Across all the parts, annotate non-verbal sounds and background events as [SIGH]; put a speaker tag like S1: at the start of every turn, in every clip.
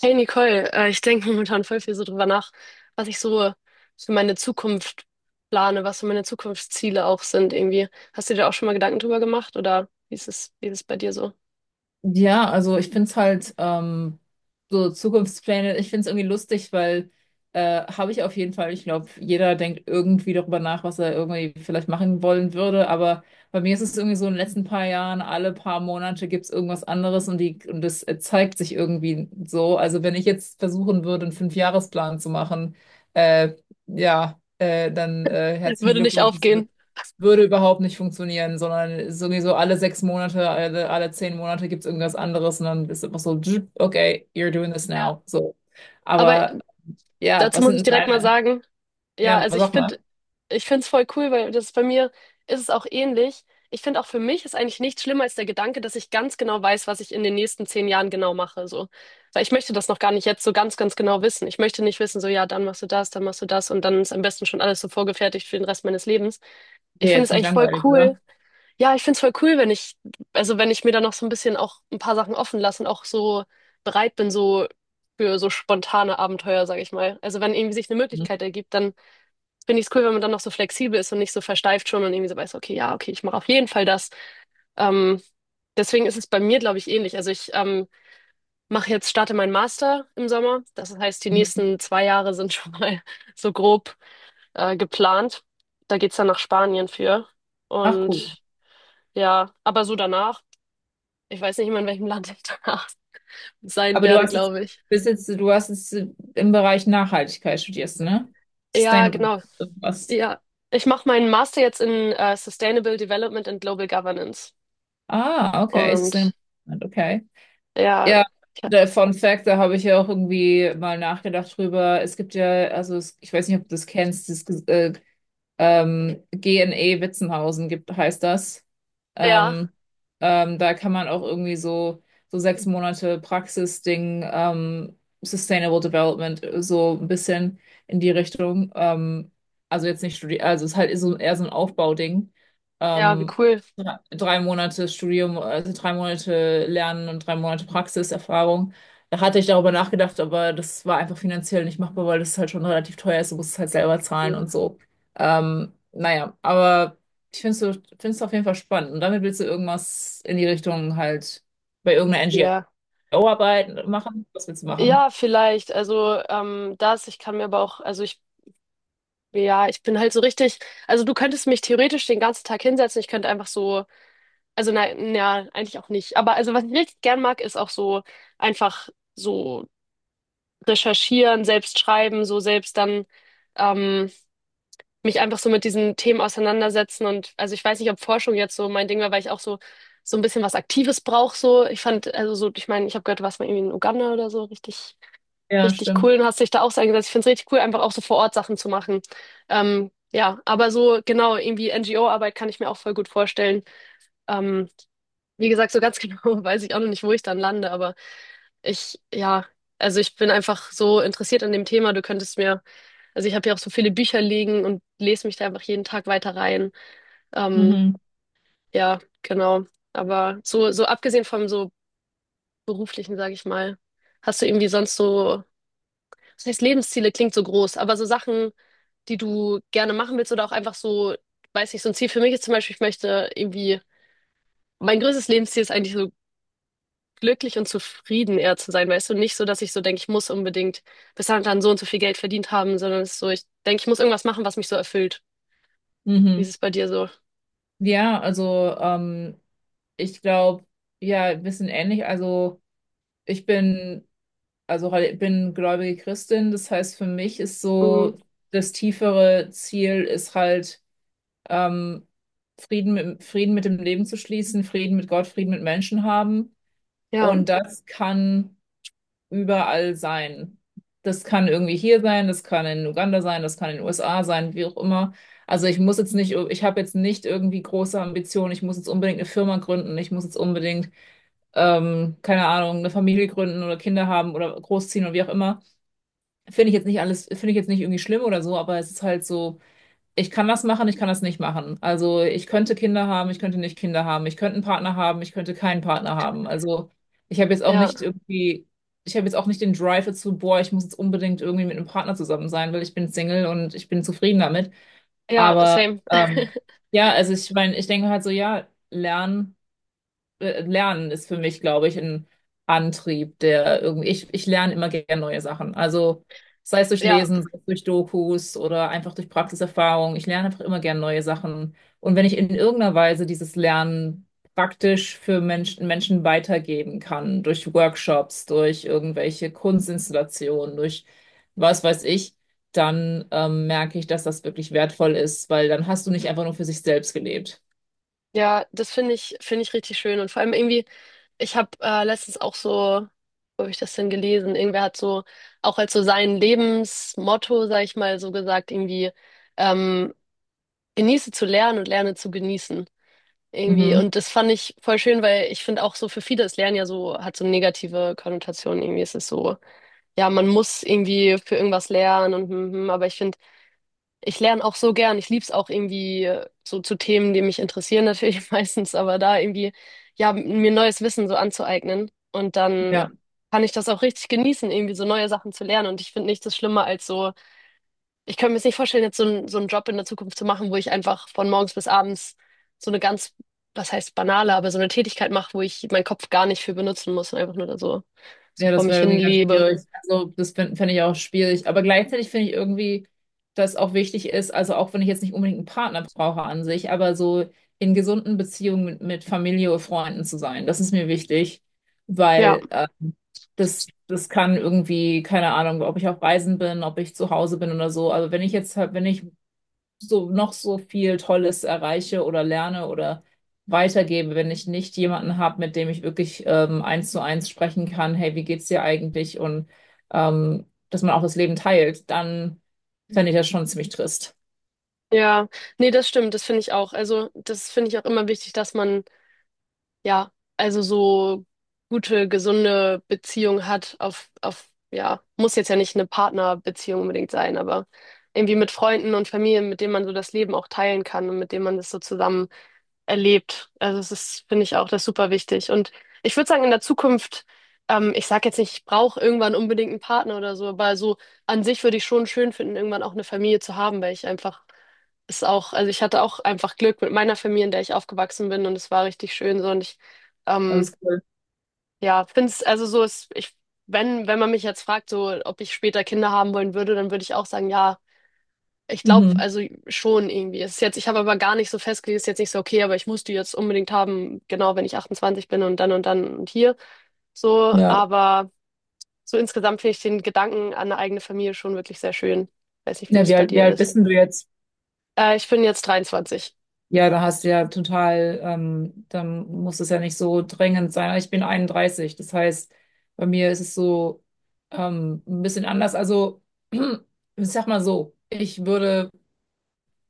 S1: Hey Nicole, ich denke momentan voll viel so drüber nach, was ich so für meine Zukunft plane, was so meine Zukunftsziele auch sind irgendwie. Hast du dir auch schon mal Gedanken drüber gemacht oder wie ist es bei dir so?
S2: Ja, also ich finde es halt so Zukunftspläne, ich finde es irgendwie lustig, weil habe ich auf jeden Fall. Ich glaube, jeder denkt irgendwie darüber nach, was er irgendwie vielleicht machen wollen würde. Aber bei mir ist es irgendwie so in den letzten paar Jahren, alle paar Monate gibt es irgendwas anderes und das zeigt sich irgendwie so. Also wenn ich jetzt versuchen würde, einen Fünfjahresplan zu machen, äh, ja, dann
S1: [LAUGHS]
S2: herzlichen
S1: Würde nicht
S2: Glückwunsch,
S1: aufgehen.
S2: würde überhaupt nicht funktionieren, sondern sowieso alle sechs Monate, alle zehn Monate gibt es irgendwas anderes und dann ist einfach so, "Dzzt, okay, you're doing this
S1: Ja.
S2: now." So.
S1: Aber
S2: Aber ja,
S1: dazu
S2: was
S1: muss
S2: sind
S1: ich
S2: denn
S1: direkt mal
S2: deine?
S1: sagen, ja,
S2: Ja,
S1: also ich
S2: sag mal.
S1: finde, ich finde es voll cool, weil das bei mir ist es auch ähnlich. Ich finde auch, für mich ist eigentlich nichts schlimmer als der Gedanke, dass ich ganz genau weiß, was ich in den nächsten 10 Jahren genau mache, so. Weil ich möchte das noch gar nicht jetzt so ganz, ganz genau wissen. Ich möchte nicht wissen, so, ja, dann machst du das, dann machst du das und dann ist am besten schon alles so vorgefertigt für den Rest meines Lebens. Ich
S2: Ja,
S1: finde
S2: jetzt
S1: es
S2: ziemlich
S1: eigentlich voll
S2: langweilig,
S1: cool,
S2: oder?
S1: ja, ich find's voll cool, wenn ich, also wenn ich mir da noch so ein bisschen auch ein paar Sachen offen lasse und auch so bereit bin, so für so spontane Abenteuer, sag ich mal. Also wenn irgendwie sich eine
S2: Mhm.
S1: Möglichkeit ergibt, dann find ich's cool, wenn man dann noch so flexibel ist und nicht so versteift schon und irgendwie so weiß, okay, ja, okay, ich mache auf jeden Fall das. Ähm, Deswegen ist es bei mir, glaube ich, ähnlich. Also ich mache jetzt, starte meinen Master im Sommer. Das heißt, die
S2: Mhm.
S1: nächsten 2 Jahre [LAUGHS] sind schon mal [LAUGHS] so grob geplant. Da geht's dann nach Spanien für.
S2: Ach, cool.
S1: Und ja, aber so danach. Ich weiß nicht mehr, in welchem Land ich danach [LAUGHS] sein
S2: Aber du
S1: werde,
S2: hast jetzt,
S1: glaube ich.
S2: bist jetzt, du hast jetzt im Bereich Nachhaltigkeit studierst, ne?
S1: Ja,
S2: Sustainable
S1: genau.
S2: irgendwas.
S1: Ja, ich mache meinen Master jetzt in Sustainable Development and Global Governance.
S2: Ah, okay, Sustainable,
S1: Und
S2: okay.
S1: ja,
S2: Ja,
S1: ja,
S2: der Fun Fact, da habe ich ja auch irgendwie mal nachgedacht drüber. Es gibt ja, also es, ich weiß nicht, ob du das kennst, das GNE Witzenhausen gibt, heißt das.
S1: ja,
S2: Ähm, Da kann man auch irgendwie so, so sechs Monate Praxisding, Sustainable Development, so ein bisschen in die Richtung. Also jetzt nicht studieren, also es ist halt so, eher so ein Aufbauding.
S1: ja, wie
S2: Ähm,
S1: cool.
S2: Drei Monate Studium, also drei Monate Lernen und drei Monate Praxiserfahrung. Da hatte ich darüber nachgedacht, aber das war einfach finanziell nicht machbar, weil das halt schon relativ teuer ist. Du musst es halt selber zahlen und so. Naja, aber ich finde es so, find's auf jeden Fall spannend. Und damit willst du irgendwas in die Richtung halt bei irgendeiner
S1: Ja.
S2: NGO arbeit machen? Was willst du machen?
S1: Ja, vielleicht. Also das, ich kann mir aber auch, also ich, ja, ich bin halt so richtig, also du könntest mich theoretisch den ganzen Tag hinsetzen, ich könnte einfach so, also nein, ja, eigentlich auch nicht. Aber also was ich richtig gern mag, ist auch so einfach so recherchieren, selbst schreiben, so selbst dann ähm, mich einfach so mit diesen Themen auseinandersetzen. Und also ich weiß nicht, ob Forschung jetzt so mein Ding war, weil ich auch so, so ein bisschen was Aktives brauche. So. Ich fand, also so, ich meine, ich habe gehört, du warst mal irgendwie in Uganda oder so, richtig,
S2: Ja,
S1: richtig
S2: stimmt.
S1: cool, und hast dich da auch so eingesetzt. Ich finde es richtig cool, einfach auch so vor Ort Sachen zu machen. Ja, aber so genau, irgendwie NGO-Arbeit kann ich mir auch voll gut vorstellen. Ähm, Wie gesagt, so ganz [LAUGHS] genau weiß ich auch noch nicht, wo ich dann lande, aber ich, ja, also ich bin einfach so interessiert an dem Thema, du könntest mir, also ich habe ja auch so viele Bücher liegen und lese mich da einfach jeden Tag weiter rein. Ähm,
S2: Mhm.
S1: ja, genau. Aber so, so abgesehen vom so beruflichen, sage ich mal, hast du irgendwie sonst so, das heißt, Lebensziele klingt so groß, aber so Sachen, die du gerne machen willst oder auch einfach so, weiß nicht, so ein Ziel für mich ist zum Beispiel, ich möchte irgendwie, mein größtes Lebensziel ist eigentlich so, glücklich und zufrieden eher zu sein, weißt du, nicht so, dass ich so denke, ich muss unbedingt bis dann und dann so und so viel Geld verdient haben, sondern es ist so, ich denke, ich muss irgendwas machen, was mich so erfüllt. Wie ist
S2: Mhm.
S1: es bei dir so?
S2: Ja, also ich glaube, ja, ein bisschen ähnlich. Also ich bin, bin gläubige Christin. Das heißt, für mich ist so das tiefere Ziel ist halt, ähm, Frieden mit dem Leben zu schließen, Frieden mit Gott, Frieden mit Menschen haben.
S1: Ja,
S2: Und das kann überall sein. Das kann irgendwie hier sein, das kann in Uganda sein, das kann in den USA sein, wie auch immer. Also ich muss jetzt nicht, ich habe jetzt nicht irgendwie große Ambitionen, ich muss jetzt unbedingt eine Firma gründen, ich muss jetzt unbedingt, keine Ahnung, eine Familie gründen oder Kinder haben oder großziehen oder wie auch immer. Finde ich jetzt nicht alles, finde ich jetzt nicht irgendwie schlimm oder so, aber es ist halt so, ich kann das machen, ich kann das nicht machen. Also ich könnte Kinder haben, ich könnte nicht Kinder haben, ich könnte einen Partner haben, ich könnte keinen Partner haben. Also ich habe jetzt auch
S1: ja,
S2: nicht irgendwie, ich habe jetzt auch nicht den Drive dazu, boah, ich muss jetzt unbedingt irgendwie mit einem Partner zusammen sein, weil ich bin Single und ich bin zufrieden damit.
S1: ja,
S2: Aber
S1: same.
S2: ähm, ja, also ich meine, ich denke halt so, ja, Lernen ist für mich, glaube ich, ein Antrieb, der irgendwie, ich lerne immer gerne neue Sachen. Also sei es durch
S1: Ja,
S2: Lesen, sei es durch Dokus oder einfach durch Praxiserfahrung. Ich lerne einfach immer gerne neue Sachen. Und wenn ich in irgendeiner Weise dieses Lernen praktisch Menschen weitergeben kann, durch Workshops, durch irgendwelche Kunstinstallationen, durch was weiß ich, dann merke ich, dass das wirklich wertvoll ist, weil dann hast du nicht einfach nur für sich selbst gelebt.
S1: ja, das finde ich richtig schön. Und vor allem irgendwie, ich habe letztens auch so, wo habe ich das denn gelesen? Irgendwer hat so, auch als so sein Lebensmotto, sag ich mal, so gesagt, irgendwie, ähm, genieße zu lernen und lerne zu genießen. Irgendwie.
S2: Mhm.
S1: Und das fand ich voll schön, weil ich finde auch so, für viele ist Lernen ja so, hat so negative Konnotationen. Irgendwie ist es so, ja, man muss irgendwie für irgendwas lernen und, mhm, aber ich finde, ich lerne auch so gern. Ich liebe es auch irgendwie so zu Themen, die mich interessieren natürlich [LAUGHS] meistens, aber da irgendwie, ja, mir neues Wissen so anzueignen. Und dann
S2: Ja.
S1: kann ich das auch richtig genießen, irgendwie so neue Sachen zu lernen. Und ich finde, nichts ist schlimmer als so, ich könnte mir jetzt nicht vorstellen, jetzt so, so einen Job in der Zukunft zu machen, wo ich einfach von morgens bis abends so eine ganz, was heißt banale, aber so eine Tätigkeit mache, wo ich meinen Kopf gar nicht für benutzen muss und einfach nur da so, so
S2: Ja,
S1: vor
S2: das
S1: mich
S2: wäre
S1: hin
S2: irgendwie ganz
S1: lebe.
S2: schwierig. Also, das fänd ich auch schwierig. Aber gleichzeitig finde ich irgendwie, dass auch wichtig ist, also auch wenn ich jetzt nicht unbedingt einen Partner brauche an sich, aber so in gesunden Beziehungen mit Familie oder Freunden zu sein, das ist mir wichtig,
S1: Ja,
S2: weil das, das kann irgendwie, keine Ahnung, ob ich auf Reisen bin, ob ich zu Hause bin oder so. Also, wenn ich so noch so viel Tolles erreiche oder lerne oder weitergebe, wenn ich nicht jemanden habe, mit dem ich wirklich eins zu eins sprechen kann, hey, wie geht's dir eigentlich? Und dass man auch das Leben teilt, dann fände ich das schon ziemlich trist.
S1: ja, nee, das stimmt, das finde ich auch. Also, das finde ich auch immer wichtig, dass man, ja, also so gute, gesunde Beziehung hat, auf, ja, muss jetzt ja nicht eine Partnerbeziehung unbedingt sein, aber irgendwie mit Freunden und Familien, mit denen man so das Leben auch teilen kann und mit denen man das so zusammen erlebt. Also es ist, finde ich auch, das ist super wichtig. Und ich würde sagen, in der Zukunft, ich sage jetzt nicht, ich brauche irgendwann unbedingt einen Partner oder so, aber so an sich würde ich schon schön finden, irgendwann auch eine Familie zu haben, weil ich einfach, ist auch, also ich hatte auch einfach Glück mit meiner Familie, in der ich aufgewachsen bin, und es war richtig schön so, und ich
S2: Das
S1: ähm,
S2: ist cool.
S1: ja, finde es, also so ist, ich, wenn man mich jetzt fragt, so ob ich später Kinder haben wollen würde, dann würde ich auch sagen, ja, ich glaube,
S2: Mhm.
S1: also schon irgendwie. Es ist jetzt, ich habe aber gar nicht so festgelegt, es ist jetzt nicht so, okay, aber ich muss die jetzt unbedingt haben, genau, wenn ich 28 bin und dann und dann und hier. So,
S2: Ja.
S1: aber so insgesamt finde ich den Gedanken an eine eigene Familie schon wirklich sehr schön. Weiß nicht, wie
S2: Ja,
S1: das bei
S2: wie
S1: dir
S2: alt
S1: ist.
S2: bist denn du jetzt?
S1: Ich bin jetzt 23.
S2: Ja, da hast du ja total, dann muss es ja nicht so drängend sein. Ich bin 31, das heißt, bei mir ist es so ein bisschen anders. Also, [CLEARS THROAT] ich sag mal so, ich würde,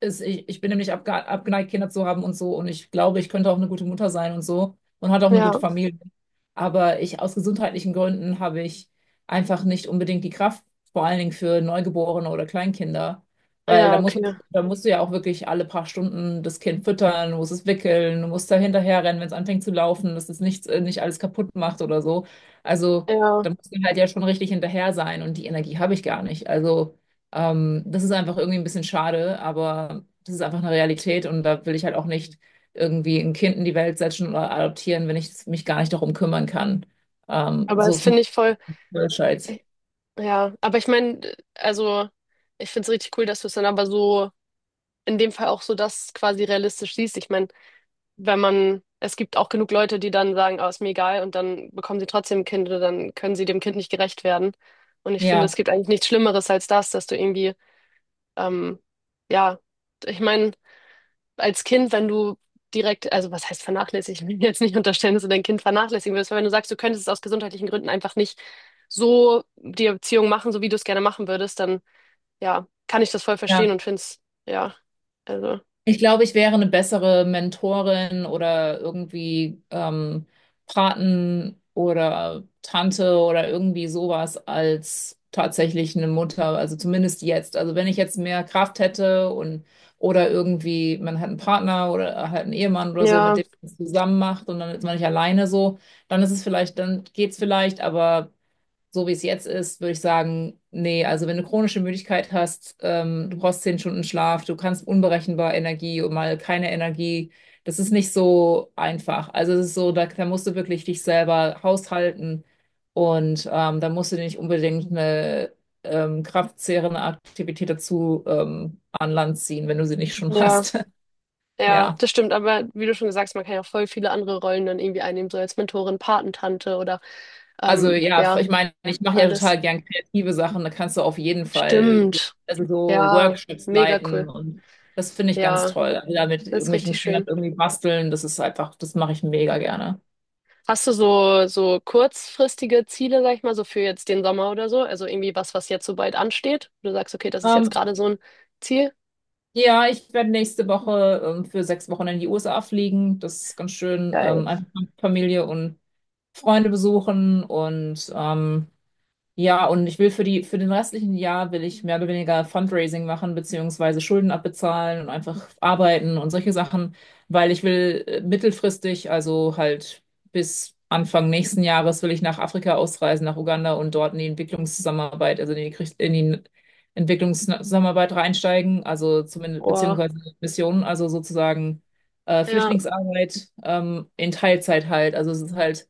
S2: ich bin nämlich abgeneigt, Kinder zu haben und so. Und ich glaube, ich könnte auch eine gute Mutter sein und so. Und hat auch eine
S1: Ja,
S2: gute Familie. Aber ich, aus gesundheitlichen Gründen habe ich einfach nicht unbedingt die Kraft, vor allen Dingen für Neugeborene oder Kleinkinder. Weil
S1: ja, okay.
S2: da musst du ja auch wirklich alle paar Stunden das Kind füttern, du musst es wickeln, du musst da hinterherrennen, wenn es anfängt zu laufen, dass es nichts, nicht alles kaputt macht oder so. Also
S1: Ja,
S2: da musst du halt ja schon richtig hinterher sein und die Energie habe ich gar nicht. Also das ist einfach irgendwie ein bisschen schade, aber das ist einfach eine Realität und da will ich halt auch nicht irgendwie ein Kind in die Welt setzen oder adoptieren, wenn ich mich gar nicht darum kümmern kann.
S1: aber
S2: So
S1: das
S2: zum
S1: finde ich voll.
S2: Beispiel.
S1: Ja, aber ich meine, also ich finde es richtig cool, dass du es dann aber so in dem Fall auch so das quasi realistisch siehst. Ich meine, wenn man, es gibt auch genug Leute, die dann sagen, ah, ist mir egal, und dann bekommen sie trotzdem ein Kind oder dann können sie dem Kind nicht gerecht werden. Und ich finde,
S2: Ja,
S1: es gibt eigentlich nichts Schlimmeres als das, dass du irgendwie, ähm, ja, ich meine, als Kind, wenn du direkt, also was heißt vernachlässigen? Ich will jetzt nicht unterstellen, dass du dein Kind vernachlässigen würdest, aber wenn du sagst, du könntest es aus gesundheitlichen Gründen einfach nicht so die Erziehung machen, so wie du es gerne machen würdest, dann ja, kann ich das voll
S2: ja.
S1: verstehen und finde es, ja, also,
S2: Ich glaube, ich wäre eine bessere Mentorin oder irgendwie Paten oder Tante oder irgendwie sowas als tatsächlich eine Mutter, also zumindest jetzt. Also wenn ich jetzt mehr Kraft hätte und oder irgendwie, man hat einen Partner oder halt einen Ehemann oder so, mit
S1: ja,
S2: dem man es zusammen macht und dann ist man nicht alleine so, dann ist es vielleicht, dann geht's vielleicht, aber so wie es jetzt ist, würde ich sagen, nee, also wenn du chronische Müdigkeit hast, du brauchst zehn Stunden Schlaf, du kannst unberechenbar Energie und mal keine Energie, das ist nicht so einfach. Also es ist so, da musst du wirklich dich selber haushalten und da musst du dir nicht unbedingt eine kraftzehrende Aktivität dazu an Land ziehen, wenn du sie nicht schon
S1: ja,
S2: hast. [LAUGHS]
S1: ja,
S2: Ja.
S1: das stimmt, aber wie du schon gesagt hast, man kann ja voll viele andere Rollen dann irgendwie einnehmen, so als Mentorin, Patentante oder,
S2: Also ja,
S1: ja,
S2: ich meine, ich mache ja
S1: alles.
S2: total gern kreative Sachen, da kannst du auf jeden Fall
S1: Stimmt,
S2: also so
S1: ja,
S2: Workshops
S1: mega
S2: leiten
S1: cool,
S2: und das finde ich ganz
S1: ja,
S2: toll. Also da mit
S1: das ist
S2: irgendwelchen
S1: richtig
S2: Kindern
S1: schön.
S2: irgendwie basteln, das ist einfach, das mache ich mega
S1: Ja.
S2: gerne.
S1: Hast du so, so kurzfristige Ziele, sag ich mal, so für jetzt den Sommer oder so? Also irgendwie was, was jetzt so bald ansteht? Du sagst, okay, das ist jetzt
S2: Ähm,
S1: gerade so ein Ziel.
S2: ja, ich werde nächste Woche für sechs Wochen in die USA fliegen. Das ist ganz schön.
S1: Geil.
S2: Einfach Familie und Freunde besuchen und ja, und ich will für die, für den restlichen Jahr will ich mehr oder weniger Fundraising machen, beziehungsweise Schulden abbezahlen und einfach arbeiten und solche Sachen, weil ich will mittelfristig, also halt bis Anfang nächsten Jahres will ich nach Afrika ausreisen, nach Uganda und dort in die Entwicklungszusammenarbeit, in die Entwicklungszusammenarbeit reinsteigen, also zumindest,
S1: Oh,
S2: beziehungsweise Missionen, also sozusagen
S1: ja.
S2: Flüchtlingsarbeit, in Teilzeit halt. Also es ist halt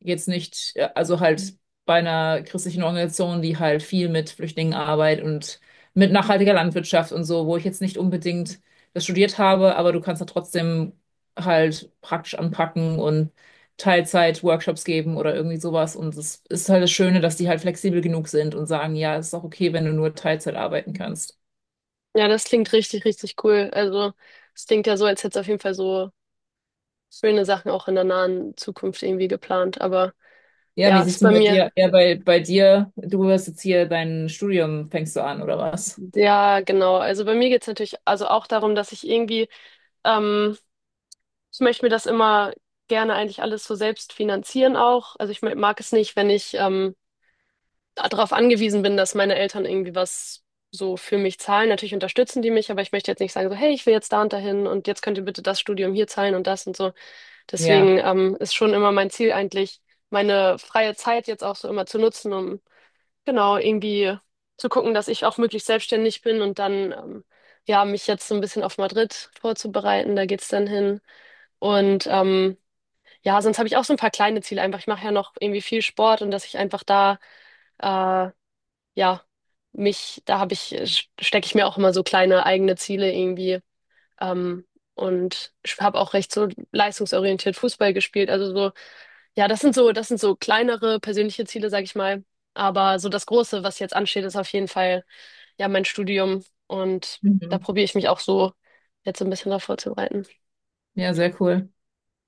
S2: jetzt nicht, also halt bei einer christlichen Organisation, die halt viel mit Flüchtlingen arbeitet und mit nachhaltiger Landwirtschaft und so, wo ich jetzt nicht unbedingt das studiert habe, aber du kannst da trotzdem halt praktisch anpacken und Teilzeit-Workshops geben oder irgendwie sowas. Und es ist halt das Schöne, dass die halt flexibel genug sind und sagen, ja, es ist auch okay, wenn du nur Teilzeit arbeiten kannst.
S1: Ja, das klingt richtig, richtig cool. Also, es klingt ja so, als hättest du auf jeden Fall so schöne Sachen auch in der nahen Zukunft irgendwie geplant. Aber
S2: Ja, wie
S1: ja,
S2: sieht's
S1: ist
S2: denn
S1: bei
S2: bei
S1: mir.
S2: dir? Ja, bei dir, du wirst jetzt hier dein Studium, fängst du an, oder was?
S1: Ja, genau. Also bei mir geht's natürlich also auch darum, dass ich irgendwie, ähm, ich möchte mir das immer gerne eigentlich alles so selbst finanzieren auch. Also ich mag es nicht, wenn ich, darauf angewiesen bin, dass meine Eltern irgendwie was so für mich zahlen. Natürlich unterstützen die mich, aber ich möchte jetzt nicht sagen, so, hey, ich will jetzt da und dahin und jetzt könnt ihr bitte das Studium hier zahlen und das und so.
S2: Ja.
S1: Deswegen ist schon immer mein Ziel eigentlich, meine freie Zeit jetzt auch so immer zu nutzen, um genau irgendwie zu gucken, dass ich auch möglichst selbstständig bin, und dann ja, mich jetzt so ein bisschen auf Madrid vorzubereiten. Da geht's dann hin, und ja, sonst habe ich auch so ein paar kleine Ziele einfach. Ich mache ja noch irgendwie viel Sport, und dass ich einfach da äh, ja, mich, da habe ich, stecke ich mir auch immer so kleine eigene Ziele irgendwie. Ähm, und ich habe auch recht so leistungsorientiert Fußball gespielt. Also so, ja, das sind so kleinere persönliche Ziele, sag ich mal. Aber so das Große, was jetzt ansteht, ist auf jeden Fall ja mein Studium. Und da
S2: Mhm.
S1: probiere ich mich auch so jetzt so ein bisschen darauf vorzubereiten.
S2: Ja, sehr cool.